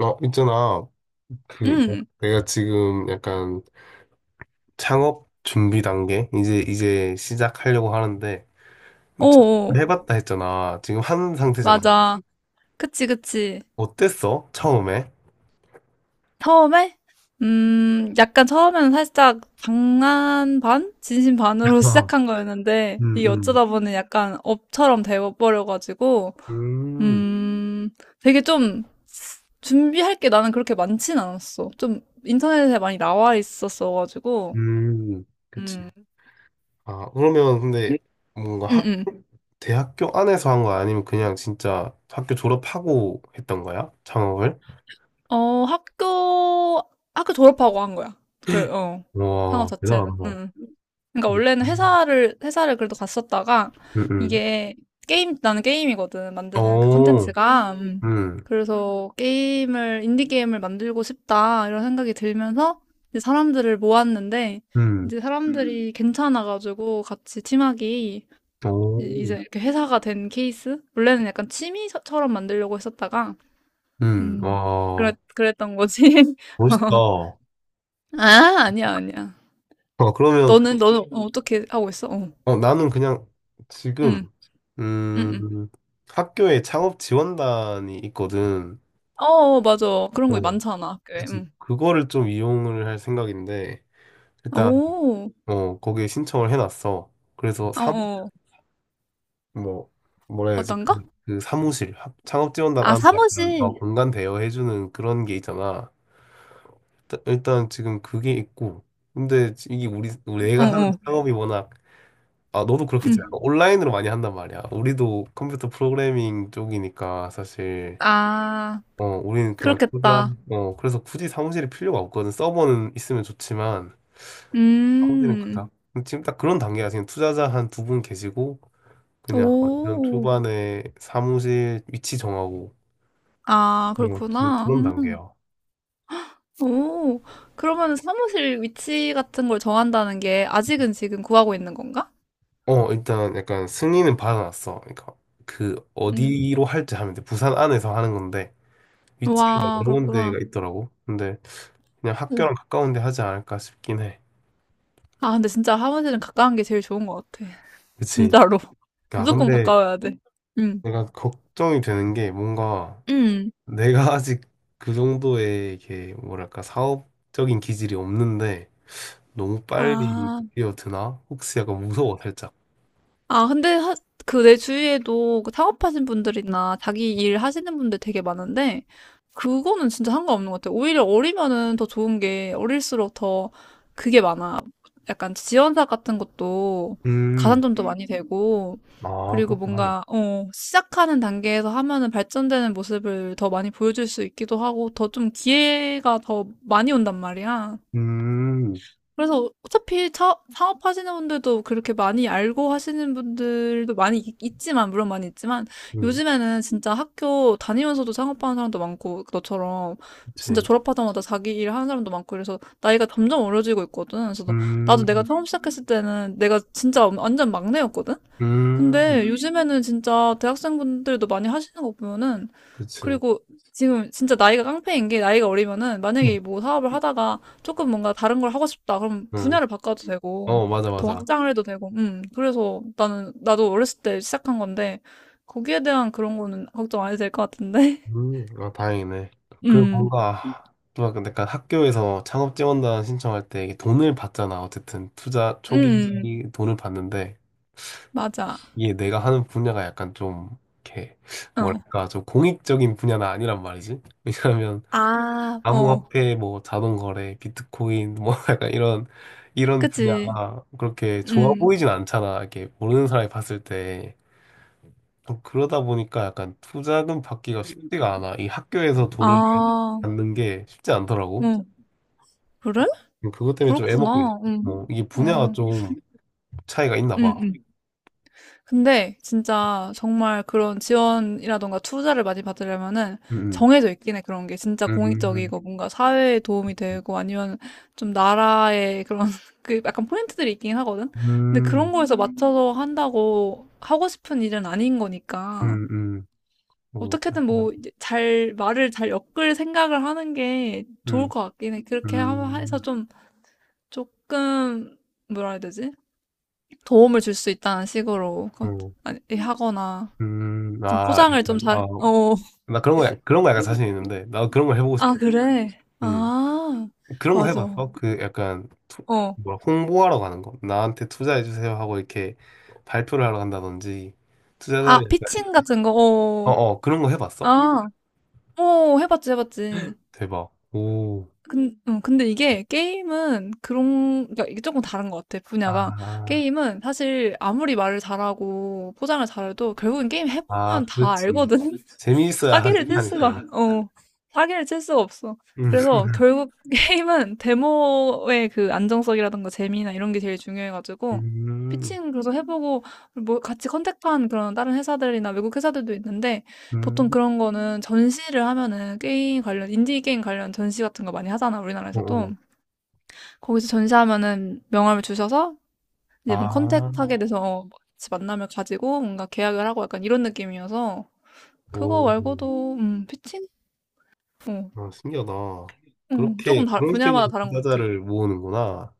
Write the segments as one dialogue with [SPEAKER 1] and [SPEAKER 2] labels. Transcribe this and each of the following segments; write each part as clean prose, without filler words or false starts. [SPEAKER 1] 있잖아. 그,
[SPEAKER 2] 응,
[SPEAKER 1] 내가 지금 약간 창업 준비 단계? 이제 시작하려고 하는데,
[SPEAKER 2] 어어,
[SPEAKER 1] 창업을 해봤다 했잖아. 지금 한 상태잖아.
[SPEAKER 2] 맞아. 그치, 그치.
[SPEAKER 1] 어땠어? 처음에?
[SPEAKER 2] 처음에? 약간 처음에는 살짝 장난 반? 진심 반으로
[SPEAKER 1] 아.
[SPEAKER 2] 시작한 거였는데,
[SPEAKER 1] 음,
[SPEAKER 2] 이게 어쩌다
[SPEAKER 1] 음.
[SPEAKER 2] 보니 약간 업처럼 돼버려가지고,
[SPEAKER 1] 음,
[SPEAKER 2] 음, 되게 좀 준비할 게 나는 그렇게 많진 않았어. 좀 인터넷에 많이 나와 있었어가지고,
[SPEAKER 1] 음. 그치.
[SPEAKER 2] 음,
[SPEAKER 1] 아, 그러면 근데 뭔가
[SPEAKER 2] 응, 응.
[SPEAKER 1] 대학교 안에서 한 거야? 아니면 그냥 진짜 학교 졸업하고 했던 거야? 창업을?
[SPEAKER 2] 어, 학교, 학교 졸업하고 한 거야. 그, 어, 상업
[SPEAKER 1] 와,
[SPEAKER 2] 자체는.
[SPEAKER 1] 대단하다.
[SPEAKER 2] 응. 그러니까
[SPEAKER 1] 음,
[SPEAKER 2] 원래는
[SPEAKER 1] 음.
[SPEAKER 2] 회사를 그래도 갔었다가
[SPEAKER 1] 음.
[SPEAKER 2] 이게 게임 나는 게임이거든 만드는 그
[SPEAKER 1] 오,
[SPEAKER 2] 컨텐츠가
[SPEAKER 1] 음,
[SPEAKER 2] 그래서 게임을 인디 게임을 만들고 싶다 이런 생각이 들면서 이제 사람들을 모았는데
[SPEAKER 1] 음.
[SPEAKER 2] 이제 사람들이 괜찮아가지고 같이 팀하기 이제
[SPEAKER 1] 오.
[SPEAKER 2] 이렇게 회사가 된 케이스 원래는 약간 취미처럼 만들려고 했었다가 음
[SPEAKER 1] 아,
[SPEAKER 2] 그랬던 거지.
[SPEAKER 1] 멋있다.
[SPEAKER 2] 어.
[SPEAKER 1] 아,
[SPEAKER 2] 아 아니야 아니야.
[SPEAKER 1] 그러면,
[SPEAKER 2] 너는 어, 어떻게 하고 있어 어.
[SPEAKER 1] 어, 나는 그냥 지금,
[SPEAKER 2] 응응응
[SPEAKER 1] 음, 학교에 창업 지원단이 있거든.
[SPEAKER 2] 어, 어, 맞아. 그런 거
[SPEAKER 1] 어,
[SPEAKER 2] 많잖아, 학교에.
[SPEAKER 1] 그치.
[SPEAKER 2] 응.
[SPEAKER 1] 그거를 좀 이용을 할 생각인데, 일단,
[SPEAKER 2] 오,
[SPEAKER 1] 어, 거기에 신청을 해놨어. 그래서
[SPEAKER 2] 어, 어.
[SPEAKER 1] 뭐, 뭐라 해야지,
[SPEAKER 2] 어떤가?
[SPEAKER 1] 그 사무실, 창업 지원단
[SPEAKER 2] 아,
[SPEAKER 1] 안에 약간,
[SPEAKER 2] 사무실.
[SPEAKER 1] 어, 공간 대여해주는 그런 게 있잖아. 일단 지금 그게 있고, 근데 이게 우리, 우리
[SPEAKER 2] 어,
[SPEAKER 1] 내가 하는
[SPEAKER 2] 어.
[SPEAKER 1] 창업이 워낙 아, 너도 그렇겠지. 약간
[SPEAKER 2] 응.
[SPEAKER 1] 온라인으로 많이 한단 말이야. 우리도 컴퓨터 프로그래밍 쪽이니까 사실,
[SPEAKER 2] 아,
[SPEAKER 1] 어, 우리는 그냥 그냥,
[SPEAKER 2] 그렇겠다.
[SPEAKER 1] 어, 그래서 굳이 사무실이 필요가 없거든. 서버는 있으면 좋지만, 사무실은
[SPEAKER 2] 음,
[SPEAKER 1] 그냥. 지금 딱 그런 단계야. 지금 투자자 한 두 분 계시고, 그냥 완전
[SPEAKER 2] 오.
[SPEAKER 1] 초반에 사무실 위치 정하고,
[SPEAKER 2] 아,
[SPEAKER 1] 뭐 지금
[SPEAKER 2] 그렇구나.
[SPEAKER 1] 그런 단계야.
[SPEAKER 2] 오. 그러면 사무실 위치 같은 걸 정한다는 게 아직은 지금 구하고 있는 건가?
[SPEAKER 1] 일단 약간 승인은 받아놨어. 그러니까 그
[SPEAKER 2] 음.
[SPEAKER 1] 어디로 할지 하면 돼. 부산 안에서 하는 건데, 위치가
[SPEAKER 2] 와,
[SPEAKER 1] 여러 군데가
[SPEAKER 2] 그렇구나.
[SPEAKER 1] 있더라고. 근데 그냥
[SPEAKER 2] 오.
[SPEAKER 1] 학교랑 가까운 데 하지 않을까 싶긴 해.
[SPEAKER 2] 아, 근데 진짜 사무실은 가까운 게 제일 좋은 것 같아.
[SPEAKER 1] 그치?
[SPEAKER 2] 진짜로.
[SPEAKER 1] 야,
[SPEAKER 2] 무조건
[SPEAKER 1] 근데
[SPEAKER 2] 가까워야 돼. 응.
[SPEAKER 1] 내가 걱정이 되는 게 뭔가
[SPEAKER 2] 응.
[SPEAKER 1] 내가 아직 그 정도의 이게 뭐랄까 사업적인 기질이 없는데 너무 빨리
[SPEAKER 2] 아.
[SPEAKER 1] 뛰어드나? 혹시 약간 무서워 살짝.
[SPEAKER 2] 아, 근데 하, 그 내 주위에도 그 창업하신 분들이나 자기 일 하시는 분들 되게 많은데, 그거는 진짜 상관없는 것 같아요. 오히려 어리면은 더 좋은 게, 어릴수록 더 그게 많아. 약간 지원사업 같은 것도
[SPEAKER 1] 음,
[SPEAKER 2] 가산점도 많이 되고,
[SPEAKER 1] 아,
[SPEAKER 2] 그리고
[SPEAKER 1] 그렇구나.
[SPEAKER 2] 뭔가, 어, 시작하는 단계에서 하면은 발전되는 모습을 더 많이 보여줄 수 있기도 하고, 더 좀 기회가 더 많이 온단 말이야.
[SPEAKER 1] 음,
[SPEAKER 2] 그래서 어차피 차, 사업하시는 분들도 그렇게 많이 알고 하시는 분들도 많이 있지만, 물론 많이 있지만,
[SPEAKER 1] 음,
[SPEAKER 2] 요즘에는 진짜 학교 다니면서도 창업하는 사람도 많고, 너처럼 진짜
[SPEAKER 1] 그치.
[SPEAKER 2] 졸업하자마자 자기 일 하는 사람도 많고, 그래서 나이가 점점 어려지고 있거든. 나도 내가
[SPEAKER 1] 음,
[SPEAKER 2] 처음 시작했을 때는 내가 진짜 완전 막내였거든?
[SPEAKER 1] 음,
[SPEAKER 2] 근데 요즘에는 진짜 대학생분들도 많이 하시는 거 보면은,
[SPEAKER 1] 그치.
[SPEAKER 2] 그리고 지금 진짜 나이가 깡패인 게 나이가 어리면은, 만약에 뭐 사업을 하다가 조금 뭔가 다른 걸 하고 싶다. 그럼
[SPEAKER 1] 응.
[SPEAKER 2] 분야를 바꿔도 되고,
[SPEAKER 1] 어, 맞아,
[SPEAKER 2] 더
[SPEAKER 1] 맞아.
[SPEAKER 2] 확장을 해도 되고, 그래서 나는, 나도 어렸을 때 시작한 건데, 거기에 대한 그런 거는 걱정 안 해도 될 것 같은데?
[SPEAKER 1] 아, 다행이네. 그리고
[SPEAKER 2] 음,
[SPEAKER 1] 뭔가, 또 아까 약간 학교에서 창업 지원단 신청할 때 이게 돈을 받잖아. 어쨌든 투자 초기
[SPEAKER 2] 음,
[SPEAKER 1] 돈을 받는데
[SPEAKER 2] 맞아.
[SPEAKER 1] 이게 내가 하는 분야가 약간 좀 이렇게
[SPEAKER 2] 어.
[SPEAKER 1] 뭐랄까 좀 공익적인 분야는 아니란 말이지. 왜냐하면
[SPEAKER 2] 아, 어.
[SPEAKER 1] 암호화폐, 뭐 자동거래, 비트코인, 뭐 약간 이런
[SPEAKER 2] 그치.
[SPEAKER 1] 분야가 그렇게 좋아
[SPEAKER 2] 음.
[SPEAKER 1] 보이진 않잖아. 이렇게 모르는 사람이 봤을 때. 그러다 보니까 약간 투자금 받기가 쉽지가 않아. 이 학교에서
[SPEAKER 2] 아,
[SPEAKER 1] 돈을
[SPEAKER 2] 어.
[SPEAKER 1] 갖는 게 쉽지 않더라고.
[SPEAKER 2] 그래?
[SPEAKER 1] 그것 때문에 좀 애먹고 있어.
[SPEAKER 2] 그렇구나. 응.
[SPEAKER 1] 이게 분야가
[SPEAKER 2] 어,
[SPEAKER 1] 좀 차이가 있나
[SPEAKER 2] 응,
[SPEAKER 1] 봐.
[SPEAKER 2] 응. 근데 진짜 정말 그런 지원이라던가 투자를 많이 받으려면은
[SPEAKER 1] 음,
[SPEAKER 2] 정해져 있긴 해. 그런 게 진짜
[SPEAKER 1] 음, 음,
[SPEAKER 2] 공익적이고 뭔가 사회에 도움이 되고 아니면 좀 나라의 그런 그 약간 포인트들이 있긴 하거든. 근데
[SPEAKER 1] 음, 음,
[SPEAKER 2] 그런 거에서 맞춰서 한다고 하고 싶은 일은 아닌 거니까
[SPEAKER 1] 음, 음,
[SPEAKER 2] 어떻게든
[SPEAKER 1] 그렇구나.
[SPEAKER 2] 뭐 잘 말을 잘 엮을 생각을 하는 게 좋을
[SPEAKER 1] 음,
[SPEAKER 2] 것 같긴 해. 그렇게 해서
[SPEAKER 1] 음,
[SPEAKER 2] 좀 조금 뭐라 해야 되지? 도움을 줄 수 있다는 식으로 그-
[SPEAKER 1] 어,
[SPEAKER 2] 아니, 하거나 좀
[SPEAKER 1] 아,
[SPEAKER 2] 포장을 좀
[SPEAKER 1] 약간,
[SPEAKER 2] 잘, 어.
[SPEAKER 1] 나 그런 거, 그런 거 약간 자신 있는데, 나도 그런 걸 해보고
[SPEAKER 2] 아,
[SPEAKER 1] 싶어.
[SPEAKER 2] 그래?
[SPEAKER 1] 음,
[SPEAKER 2] 아,
[SPEAKER 1] 그런 거
[SPEAKER 2] 맞아.
[SPEAKER 1] 해봤어? 그 약간,
[SPEAKER 2] 어.
[SPEAKER 1] 뭐라, 홍보하러 가는 거. 나한테 투자해주세요 하고 이렇게 발표를 하러 간다든지, 투자자를,
[SPEAKER 2] 아, 피칭
[SPEAKER 1] 약간-
[SPEAKER 2] 같은 거,
[SPEAKER 1] 어,
[SPEAKER 2] 어.
[SPEAKER 1] 어, 그런 거 해봤어?
[SPEAKER 2] 아, 어, 해봤지, 해봤지.
[SPEAKER 1] 대박. 오.
[SPEAKER 2] 근, 근데 이게 게임은 그런, 그러니까 이게 조금 다른 것 같아, 분야가.
[SPEAKER 1] 아,
[SPEAKER 2] 게임은 사실 아무리 말을 잘하고 포장을 잘해도 결국엔 게임
[SPEAKER 1] 아,
[SPEAKER 2] 해보면 다
[SPEAKER 1] 그렇지.
[SPEAKER 2] 알거든.
[SPEAKER 1] 재미있어야
[SPEAKER 2] 사기를 칠
[SPEAKER 1] 하니까.
[SPEAKER 2] 수가, 어, 사기를 칠 수가 없어.
[SPEAKER 1] 음,
[SPEAKER 2] 그래서 결국 게임은 데모의 그 안정성이라든가 재미나 이런 게 제일 중요해가지고,
[SPEAKER 1] 음,
[SPEAKER 2] 피칭 그래서 해보고, 뭐 같이 컨택한 그런 다른 회사들이나 외국 회사들도 있는데, 보통
[SPEAKER 1] 음,
[SPEAKER 2] 그런 거는 전시를 하면은 게임 관련, 인디 게임 관련 전시 같은 거 많이 하잖아,
[SPEAKER 1] 어,
[SPEAKER 2] 우리나라에서도.
[SPEAKER 1] 어.
[SPEAKER 2] 거기서 전시하면은 명함을 주셔서 이제 뭔
[SPEAKER 1] 아,
[SPEAKER 2] 컨택하게 돼서 어, 같이 만나면 가지고 뭔가 계약을 하고 약간 이런 느낌이어서 그거
[SPEAKER 1] 오,
[SPEAKER 2] 말고도, 피칭? 어,
[SPEAKER 1] 아, 신기하다. 그렇게
[SPEAKER 2] 조금 다,
[SPEAKER 1] 그런
[SPEAKER 2] 분야마다
[SPEAKER 1] 식으로
[SPEAKER 2] 다른 것 같아.
[SPEAKER 1] 투자자를 모으는구나.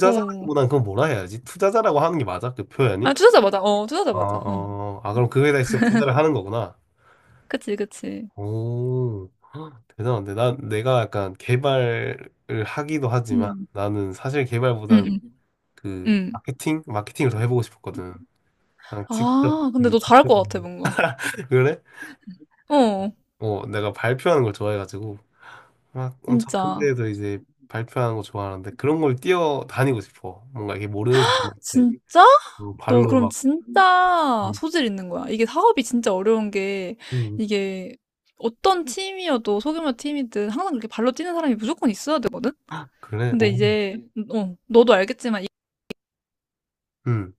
[SPEAKER 2] 어,
[SPEAKER 1] 그건 뭐라 해야지? 투자자라고 하는 게 맞아? 그 표현이?
[SPEAKER 2] 아, 투자자 맞아. 어, 투자자
[SPEAKER 1] 아,
[SPEAKER 2] 맞아. 어,
[SPEAKER 1] 어, 아, 그럼 그거에다 직접 투자를 하는 거구나.
[SPEAKER 2] 그치, 그치.
[SPEAKER 1] 오, 헉, 대단한데. 난 내가 약간 개발을 하기도 하지만
[SPEAKER 2] 음,
[SPEAKER 1] 나는 사실
[SPEAKER 2] 음,
[SPEAKER 1] 개발보단
[SPEAKER 2] 음.
[SPEAKER 1] 그
[SPEAKER 2] 음.
[SPEAKER 1] 마케팅? 마케팅을 더 해보고 싶었거든. 아, 직접,
[SPEAKER 2] 아, 근데
[SPEAKER 1] 음,
[SPEAKER 2] 너 잘할
[SPEAKER 1] 직접.
[SPEAKER 2] 것 같아, 뭔가.
[SPEAKER 1] 그래?
[SPEAKER 2] 어,
[SPEAKER 1] 내가 발표하는 걸 좋아해가지고, 막 엄청 큰
[SPEAKER 2] 진짜.
[SPEAKER 1] 데에서 이제 발표하는 거 좋아하는데, 그런 걸 뛰어다니고 싶어. 뭔가 이게 모르는 사람한테.
[SPEAKER 2] 진짜? 너
[SPEAKER 1] 발로
[SPEAKER 2] 그럼
[SPEAKER 1] 막,
[SPEAKER 2] 진짜
[SPEAKER 1] 음,
[SPEAKER 2] 소질 있는 거야. 이게 사업이 진짜 어려운 게
[SPEAKER 1] 음,
[SPEAKER 2] 이게 어떤 팀이어도 소규모 팀이든 항상 그렇게 발로 뛰는 사람이 무조건 있어야 되거든?
[SPEAKER 1] 그래?
[SPEAKER 2] 근데
[SPEAKER 1] 오,
[SPEAKER 2] 이제, 어, 너도 알겠지만, 이-
[SPEAKER 1] 음.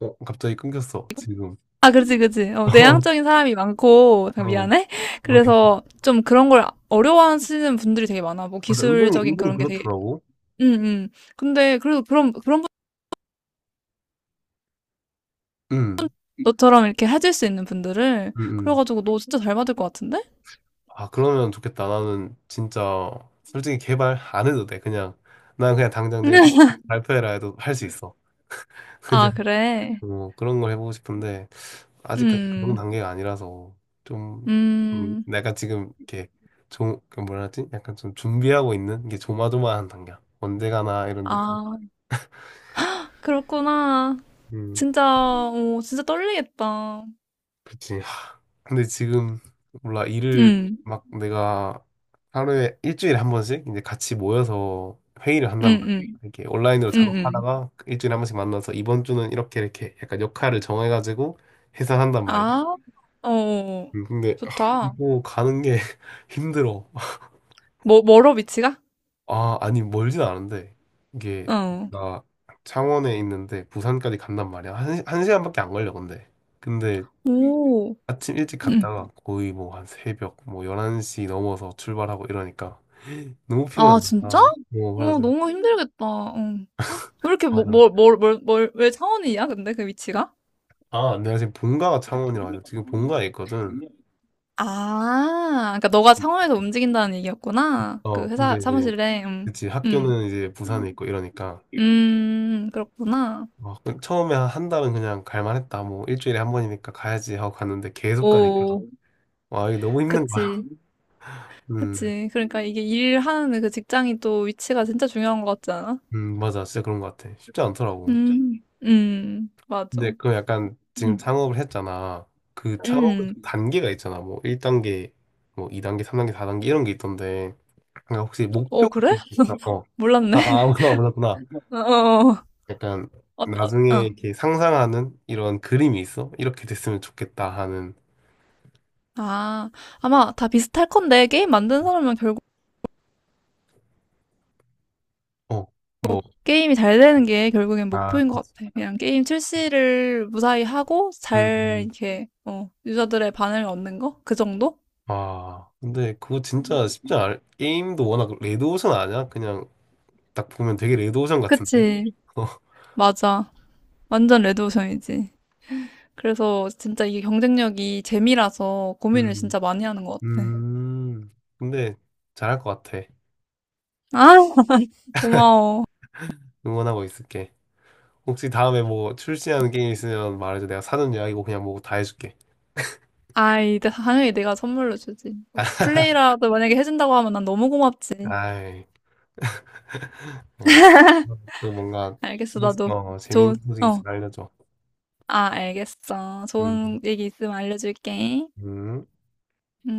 [SPEAKER 1] 갑자기 끊겼어, 지금.
[SPEAKER 2] 아, 그렇지, 그렇지. 어,
[SPEAKER 1] 어,
[SPEAKER 2] 내향적인 사람이 많고, 잠깐
[SPEAKER 1] 어.
[SPEAKER 2] 미안해.
[SPEAKER 1] 맞아,
[SPEAKER 2] 그래서 좀 그런 걸 어려워하시는 분들이 되게 많아. 뭐
[SPEAKER 1] 은근히,
[SPEAKER 2] 기술적인
[SPEAKER 1] 은근히
[SPEAKER 2] 그런 게 되게,
[SPEAKER 1] 그렇더라고.
[SPEAKER 2] 응, 응. 근데 그래도 그런, 그런 분,
[SPEAKER 1] 음,
[SPEAKER 2] 너처럼 이렇게 해줄 수 있는 분들을,
[SPEAKER 1] 음, 음.
[SPEAKER 2] 그래가지고 너 진짜 잘 받을 것 같은데?
[SPEAKER 1] 아, 그러면 좋겠다. 나는 진짜, 솔직히 개발 안 해도 돼. 그냥, 난 그냥 당장 내일 발표해라 해도 할 수 있어.
[SPEAKER 2] 아, 그래.
[SPEAKER 1] 뭐 그런 걸 해보고 싶은데 아직까지 그런
[SPEAKER 2] 음.
[SPEAKER 1] 단계가 아니라서 좀
[SPEAKER 2] 음.
[SPEAKER 1] 내가 지금 이렇게 좀, 그 뭐라 하지? 약간 좀 준비하고 있는 게 조마조마한 단계야. 언제 가나 이런 느낌.
[SPEAKER 2] 아, 그렇구나.
[SPEAKER 1] 음,
[SPEAKER 2] 진짜, 오 진짜 떨리겠다.
[SPEAKER 1] 그치. 하, 근데 지금 몰라 일을
[SPEAKER 2] 응,
[SPEAKER 1] 막 내가 하루에 일주일에 한 번씩 이제 같이 모여서 회의를
[SPEAKER 2] 응,
[SPEAKER 1] 한단 말이야.
[SPEAKER 2] 응,
[SPEAKER 1] 이렇게 온라인으로
[SPEAKER 2] 응, 응.
[SPEAKER 1] 작업하다가 그 일주일에 한 번씩 만나서 이번 주는 이렇게 이렇게 약간 역할을 정해가지고 해산한단 말이야.
[SPEAKER 2] 아, 어,
[SPEAKER 1] 근데 아,
[SPEAKER 2] 좋다.
[SPEAKER 1] 이거 가는 게 힘들어.
[SPEAKER 2] 뭐, 멀어, 위치가?
[SPEAKER 1] 아, 아니 멀진 않은데 이게
[SPEAKER 2] 어.
[SPEAKER 1] 내가 창원에 있는데 부산까지 간단 말이야. 한 시간밖에 안 걸려 근데. 근데
[SPEAKER 2] 오,
[SPEAKER 1] 아침 일찍
[SPEAKER 2] 응.
[SPEAKER 1] 갔다가 거의 뭐 한 새벽 뭐 11시 넘어서 출발하고 이러니까 너무
[SPEAKER 2] 아,
[SPEAKER 1] 피곤하다.
[SPEAKER 2] 진짜?
[SPEAKER 1] 아, 뭐
[SPEAKER 2] 어,
[SPEAKER 1] 그래서
[SPEAKER 2] 너무 힘들겠다. 어. 왜 이렇게,
[SPEAKER 1] 맞아.
[SPEAKER 2] 왜 창원이야, 근데 그 위치가?
[SPEAKER 1] 아, 내가 지금 본가가 창원이라 가지고 지금 본가에 있거든.
[SPEAKER 2] 아, 그러니까 너가 창원에서 움직인다는 얘기였구나. 그
[SPEAKER 1] 근데
[SPEAKER 2] 회사
[SPEAKER 1] 이제
[SPEAKER 2] 사무실에,
[SPEAKER 1] 그치
[SPEAKER 2] 음,
[SPEAKER 1] 학교는 이제 부산에 있고 이러니까
[SPEAKER 2] 그렇구나.
[SPEAKER 1] 그 처음에 한 달은 그냥 갈만했다. 뭐 일주일에 한 번이니까 가야지 하고 갔는데 계속 가니까
[SPEAKER 2] 오.
[SPEAKER 1] 와 이게 너무 힘든 거야.
[SPEAKER 2] 그치,
[SPEAKER 1] 음,
[SPEAKER 2] 그치. 그러니까 이게 일하는 그 직장이 또 위치가 진짜 중요한 것 같지 않아?
[SPEAKER 1] 맞아, 진짜 그런 것 같아. 쉽지 않더라고.
[SPEAKER 2] 맞아.
[SPEAKER 1] 근데 그 약간 지금
[SPEAKER 2] 음,
[SPEAKER 1] 창업을 했잖아. 그 창업
[SPEAKER 2] 음.
[SPEAKER 1] 단계가 있잖아. 뭐 1단계, 뭐 2단계, 3단계, 4단계 이런 게 있던데 그러니까 혹시 목표
[SPEAKER 2] 어, 그래?
[SPEAKER 1] 같은 게 있나?
[SPEAKER 2] 몰랐네.
[SPEAKER 1] 아, 아 몰라 몰랐구나.
[SPEAKER 2] 어, 어,
[SPEAKER 1] 약간
[SPEAKER 2] 어, 어.
[SPEAKER 1] 나중에
[SPEAKER 2] 어.
[SPEAKER 1] 이렇게 상상하는 이런 그림이 있어? 이렇게 됐으면 좋겠다 하는
[SPEAKER 2] 아, 아마 다 비슷할 건데, 게임 만든 사람은 결국,
[SPEAKER 1] 어, 뭐
[SPEAKER 2] 게임이 잘 되는 게 결국엔
[SPEAKER 1] 아,
[SPEAKER 2] 목표인 것
[SPEAKER 1] 그치.
[SPEAKER 2] 같아. 그냥 게임 출시를 무사히 하고, 잘,
[SPEAKER 1] 음.
[SPEAKER 2] 이렇게, 어, 유저들의 반응을 얻는 거? 그 정도?
[SPEAKER 1] 아, 근데 그거 진짜 쉽지 않아. 게임도 워낙 레드오션 아니야? 그냥 딱 보면 되게 레드오션 같은데?
[SPEAKER 2] 그치. 맞아. 완전 레드오션이지. 그래서 진짜 이게 경쟁력이 재미라서 고민을
[SPEAKER 1] 음,
[SPEAKER 2] 진짜 많이 하는 것 같아.
[SPEAKER 1] 음. 근데 잘할 것 같아.
[SPEAKER 2] 아, 고마워.
[SPEAKER 1] 응원하고 있을게. 혹시 다음에 뭐 출시하는 게임 있으면 말해줘. 내가 사전 예약이고 그냥 뭐 다 해줄게.
[SPEAKER 2] 아이, 당연히 내가 선물로 주지. 플레이라도 만약에 해준다고 하면 난 너무 고맙지.
[SPEAKER 1] 아이, 예. 또 뭔가,
[SPEAKER 2] 알겠어, 나도. 좋은,
[SPEAKER 1] 재밌는 소식
[SPEAKER 2] 어,
[SPEAKER 1] 있으면 알려줘.
[SPEAKER 2] 아, 알겠어.
[SPEAKER 1] 음,
[SPEAKER 2] 좋은 얘기 있으면 알려줄게.
[SPEAKER 1] 음.
[SPEAKER 2] 응?